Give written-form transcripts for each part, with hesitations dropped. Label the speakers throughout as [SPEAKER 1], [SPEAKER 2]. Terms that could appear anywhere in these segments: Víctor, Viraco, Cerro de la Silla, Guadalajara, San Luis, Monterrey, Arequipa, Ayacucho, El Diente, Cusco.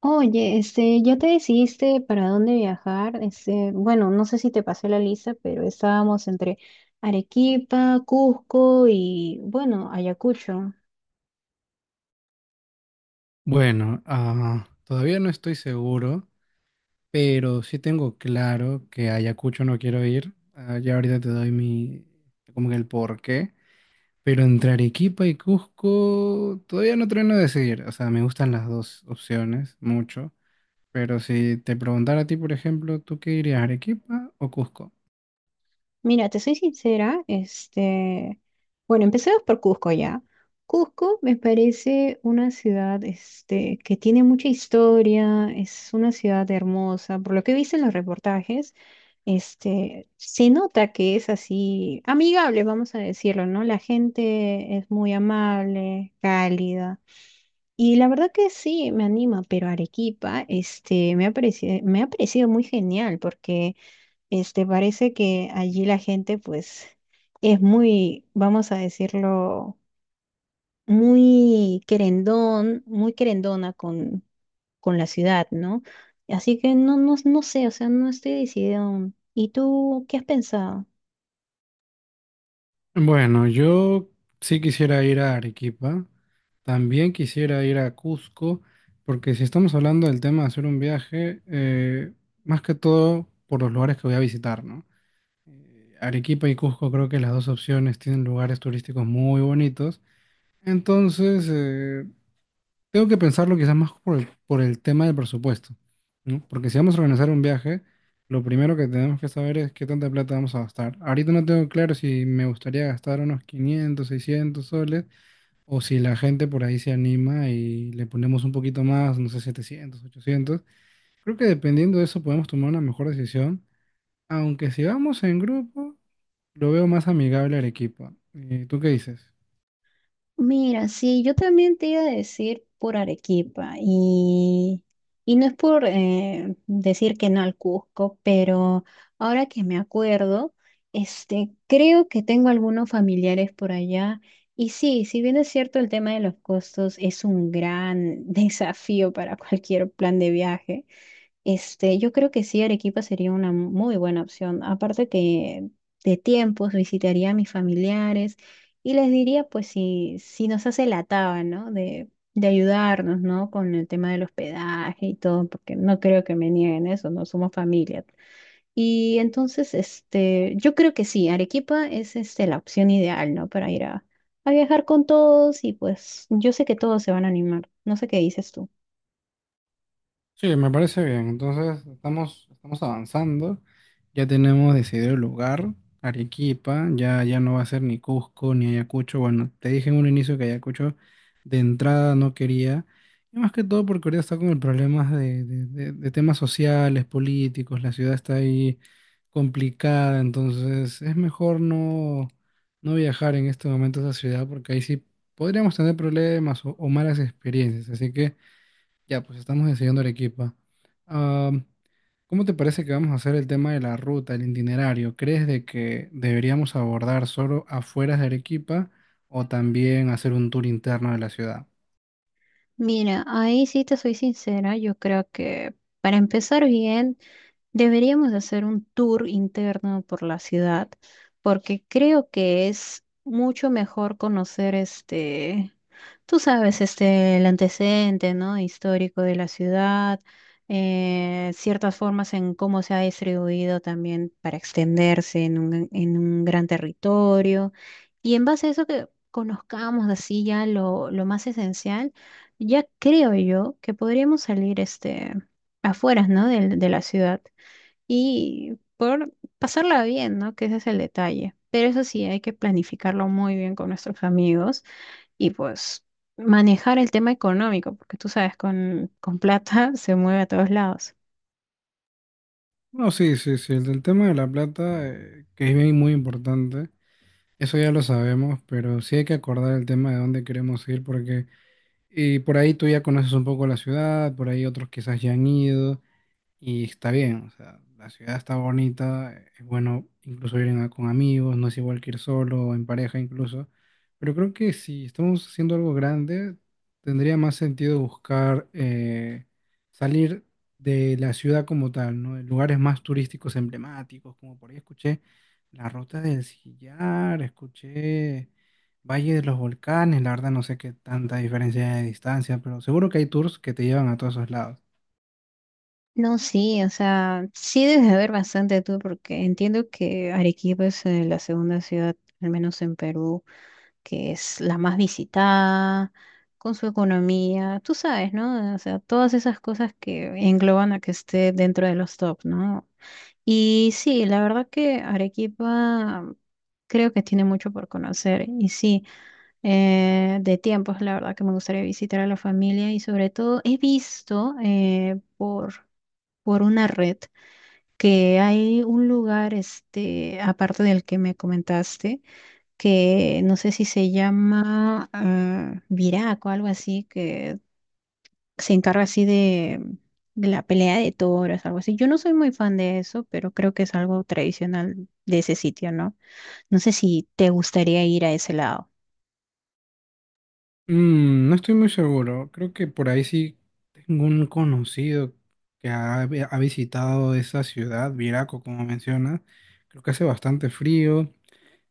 [SPEAKER 1] Oye, ¿ya te decidiste para dónde viajar? Bueno, no sé si te pasé la lista, pero estábamos entre Arequipa, Cusco y, bueno, Ayacucho.
[SPEAKER 2] Bueno, todavía no estoy seguro, pero sí tengo claro que a Ayacucho no quiero ir. Ya ahorita te doy como que el porqué. Pero entre Arequipa y Cusco todavía no termino de decidir. O sea, me gustan las dos opciones mucho. Pero si te preguntara a ti, por ejemplo, ¿tú qué irías, Arequipa o Cusco?
[SPEAKER 1] Mira, te soy sincera, bueno, empecemos por Cusco ya. Cusco me parece una ciudad, que tiene mucha historia, es una ciudad hermosa, por lo que he visto en los reportajes. Se nota que es así amigable, vamos a decirlo, ¿no? La gente es muy amable, cálida. Y la verdad que sí, me anima, pero Arequipa, me ha parecido muy genial porque, parece que allí la gente, pues, es muy, vamos a decirlo, muy querendón, muy querendona con la ciudad, ¿no? Así que no, no, no sé, o sea, no estoy decidida aún. ¿Y tú qué has pensado?
[SPEAKER 2] Bueno, yo sí quisiera ir a Arequipa, también quisiera ir a Cusco, porque si estamos hablando del tema de hacer un viaje, más que todo por los lugares que voy a visitar, ¿no? Arequipa y Cusco creo que las dos opciones tienen lugares turísticos muy bonitos, entonces tengo que pensarlo quizás más por el tema del presupuesto, ¿no? Porque si vamos a organizar un viaje, lo primero que tenemos que saber es qué tanta plata vamos a gastar. Ahorita no tengo claro si me gustaría gastar unos 500, 600 soles o si la gente por ahí se anima y le ponemos un poquito más, no sé, 700, 800. Creo que dependiendo de eso podemos tomar una mejor decisión, aunque si vamos en grupo, lo veo más amigable al equipo. ¿Tú qué dices?
[SPEAKER 1] Mira, sí, yo también te iba a decir por Arequipa y no es por decir que no al Cusco, pero ahora que me acuerdo, creo que tengo algunos familiares por allá y sí, si bien es cierto el tema de los costos es un gran desafío para cualquier plan de viaje. Yo creo que sí, Arequipa sería una muy buena opción. Aparte que de tiempos visitaría a mis familiares y les diría, pues, si, si nos hace la taba, ¿no? De ayudarnos, ¿no? Con el tema del hospedaje y todo, porque no creo que me nieguen eso, no somos familia. Y entonces, yo creo que sí, Arequipa es, la opción ideal, ¿no? Para ir a viajar con todos y pues yo sé que todos se van a animar. No sé qué dices tú.
[SPEAKER 2] Sí, me parece bien. Entonces, estamos avanzando. Ya tenemos decidido el lugar, Arequipa. Ya, ya no va a ser ni Cusco ni Ayacucho. Bueno, te dije en un inicio que Ayacucho de entrada no quería. Y más que todo porque ahorita está con el problema de temas sociales, políticos. La ciudad está ahí complicada. Entonces, es mejor no viajar en este momento a esa ciudad porque ahí sí podríamos tener problemas o malas experiencias. Así que. Ya, pues estamos enseñando Arequipa. Ah, ¿Cómo te parece que vamos a hacer el tema de la ruta, el itinerario? ¿Crees de que deberíamos abordar solo afueras de Arequipa o también hacer un tour interno de la ciudad?
[SPEAKER 1] Mira, ahí sí te soy sincera, yo creo que para empezar bien. Deberíamos hacer un tour interno por la ciudad, porque creo que es mucho mejor conocer tú sabes, el antecedente, ¿no?, histórico de la ciudad, ciertas formas en cómo se ha distribuido también para extenderse en un, gran territorio. Y en base a eso que conozcamos así ya lo más esencial, ya creo yo que podríamos salir afueras, ¿no? De la ciudad y por pasarla bien, ¿no? Que ese es el detalle. Pero eso sí, hay que planificarlo muy bien con nuestros amigos y pues manejar el tema económico, porque tú sabes, con plata se mueve a todos lados.
[SPEAKER 2] No, sí, sí, sí. El del tema de la plata, que es bien muy importante, eso ya lo sabemos, pero sí hay que acordar el tema de dónde queremos ir porque y por ahí tú ya conoces un poco la ciudad, por ahí otros quizás ya han ido. Y está bien, o sea, la ciudad está bonita, es bueno incluso ir con amigos, no es igual que ir solo o en pareja incluso, pero creo que si estamos haciendo algo grande, tendría más sentido buscar salir de la ciudad como tal, ¿no? En lugares más turísticos emblemáticos, como por ahí escuché la Ruta del Sillar, escuché Valle de los Volcanes, la verdad no sé qué tanta diferencia hay de distancia, pero seguro que hay tours que te llevan a todos esos lados.
[SPEAKER 1] No, sí, o sea, sí debes de ver bastante tú, porque entiendo que Arequipa es la segunda ciudad, al menos en Perú, que es la más visitada, con su economía, tú sabes, ¿no? O sea, todas esas cosas que engloban a que esté dentro de los top, ¿no? Y sí, la verdad que Arequipa creo que tiene mucho por conocer. Y sí, de tiempos, la verdad que me gustaría visitar a la familia y sobre todo he visto por, una red que hay un lugar, aparte del que me comentaste, que no sé si se llama Viraco, algo así, que se encarga así de la pelea de toros, algo así. Yo no soy muy fan de eso, pero creo que es algo tradicional de ese sitio, ¿no? No sé si te gustaría ir a ese lado.
[SPEAKER 2] Mm, no estoy muy seguro. Creo que por ahí sí tengo un conocido que ha visitado esa ciudad, Viraco, como mencionas. Creo que hace bastante frío.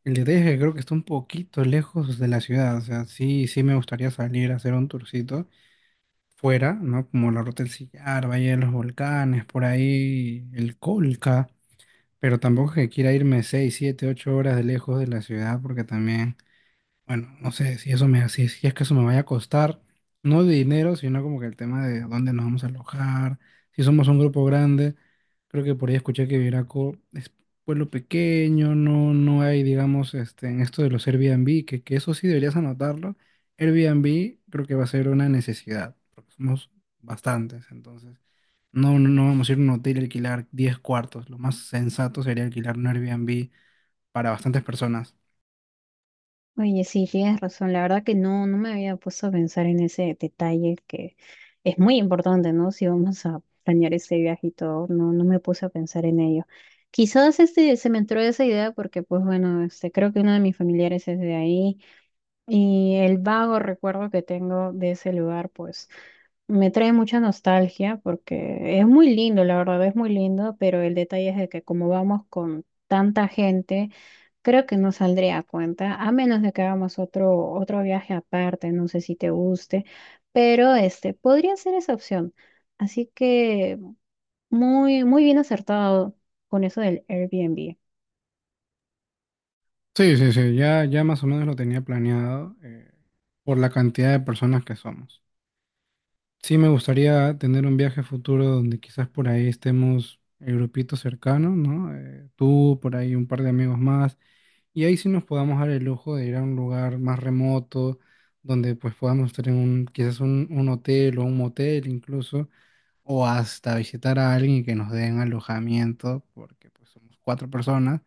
[SPEAKER 2] El detalle es que creo que está un poquito lejos de la ciudad. O sea, sí, sí me gustaría salir a hacer un tourcito fuera, ¿no? Como la Ruta del Sillar, Valle de los Volcanes, por ahí el Colca. Pero tampoco es que quiera irme 6, 7, 8 horas de lejos de la ciudad porque también... Bueno, no sé si si es que eso me vaya a costar, no de dinero, sino como que el tema de dónde nos vamos a alojar, si somos un grupo grande, creo que por ahí escuché que Viraco es pueblo pequeño, no hay, digamos, este, en esto de los Airbnb, que eso sí deberías anotarlo, Airbnb creo que va a ser una necesidad, porque somos bastantes, entonces no vamos a ir a un hotel y alquilar 10 cuartos, lo más sensato sería alquilar un Airbnb para bastantes personas.
[SPEAKER 1] Oye, sí, tienes razón. La verdad que no, no me había puesto a pensar en ese detalle que es muy importante, ¿no? Si vamos a planear ese viaje y todo, no, no me puse a pensar en ello. Quizás se me entró esa idea porque, pues bueno, creo que uno de mis familiares es de ahí. Y el vago recuerdo que tengo de ese lugar, pues me trae mucha nostalgia porque es muy lindo, la verdad es muy lindo, pero el detalle es de que como vamos con tanta gente, creo que no saldría a cuenta, a menos de que hagamos otro viaje aparte, no sé si te guste, pero este podría ser esa opción. Así que muy, muy bien acertado con eso del Airbnb.
[SPEAKER 2] Sí, sí, sí, ya, ya más o menos lo tenía planeado por la cantidad de personas que somos. Sí, me gustaría tener un viaje futuro donde quizás por ahí estemos el grupito cercano, ¿no? Tú, por ahí un par de amigos más, y ahí sí nos podamos dar el lujo de ir a un lugar más remoto, donde pues podamos estar en un, quizás un hotel o un motel incluso, o hasta visitar a alguien y que nos den alojamiento, porque pues somos cuatro personas,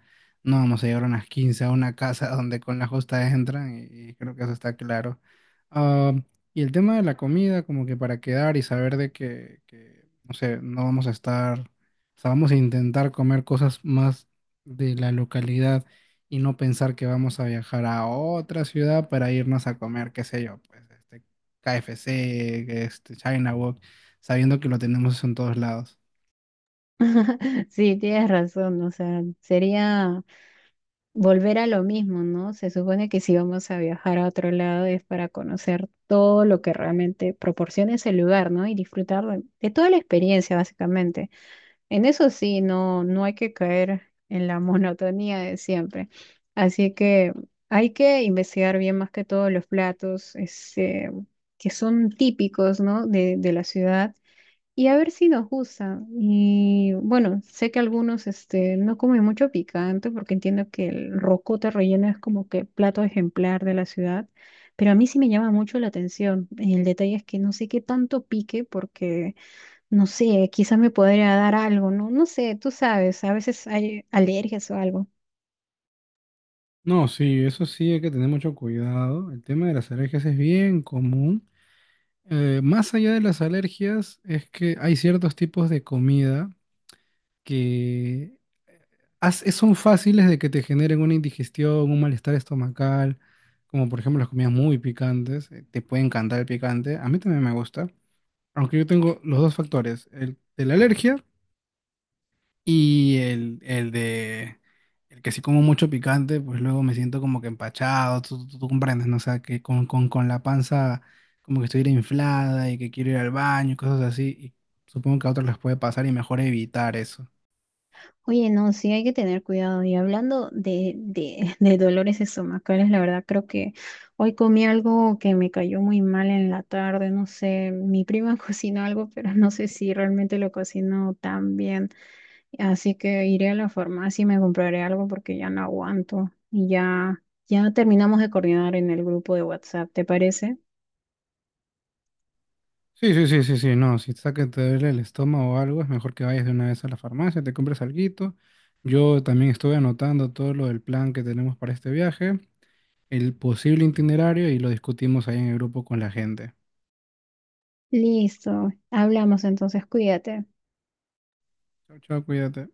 [SPEAKER 2] no vamos a llegar a unas 15 a una casa donde con la justa entran y creo que eso está claro. Ah, y el tema de la comida, como que para quedar y saber de no sé, no vamos a estar, o sea, vamos a intentar comer cosas más de la localidad y no pensar que vamos a viajar a otra ciudad para irnos a comer, qué sé yo, pues este KFC, este China sabiendo que lo tenemos en todos lados.
[SPEAKER 1] Sí, tienes razón, o sea, sería volver a lo mismo, ¿no? Se supone que si vamos a viajar a otro lado es para conocer todo lo que realmente proporciona ese lugar, ¿no? Y disfrutar de toda la experiencia, básicamente. En eso sí, no, no hay que caer en la monotonía de siempre. Así que hay que investigar bien más que todos los platos, que son típicos, ¿no? De la ciudad y a ver si nos gusta. Y bueno, sé que algunos no comen mucho picante porque entiendo que el rocoto relleno es como que plato ejemplar de la ciudad, pero a mí sí me llama mucho la atención. El detalle es que no sé qué tanto pique porque, no sé, quizás me podría dar algo, ¿no? No sé, tú sabes, a veces hay alergias o algo.
[SPEAKER 2] No, sí, eso sí hay que tener mucho cuidado. El tema de las alergias es bien común. Más allá de las alergias, es que hay ciertos tipos de comida que son fáciles de que te generen una indigestión, un malestar estomacal, como por ejemplo las comidas muy picantes. Te puede encantar el picante, a mí también me gusta. Aunque yo tengo los dos factores, el de la alergia y el que sí como mucho picante, pues luego me siento como que empachado, tú comprendes, ¿no? O sea, que con la panza como que estuviera inflada y que quiero ir al baño y cosas así. Y supongo que a otros les puede pasar y mejor evitar eso.
[SPEAKER 1] Oye, no, sí hay que tener cuidado. Y hablando de dolores estomacales, la verdad creo que hoy comí algo que me cayó muy mal en la tarde. No sé, mi prima cocinó algo, pero no sé si realmente lo cocinó tan bien. Así que iré a la farmacia y me compraré algo porque ya no aguanto. Y ya terminamos de coordinar en el grupo de WhatsApp, ¿te parece?
[SPEAKER 2] Sí, sí, sí, sí, sí, no, si está que te duele el estómago o algo, es mejor que vayas de una vez a la farmacia, te compres alguito. Yo también estuve anotando todo lo del plan que tenemos para este viaje, el posible itinerario y lo discutimos ahí en el grupo con la gente.
[SPEAKER 1] Listo, hablamos entonces, cuídate.
[SPEAKER 2] Chao, chao, cuídate.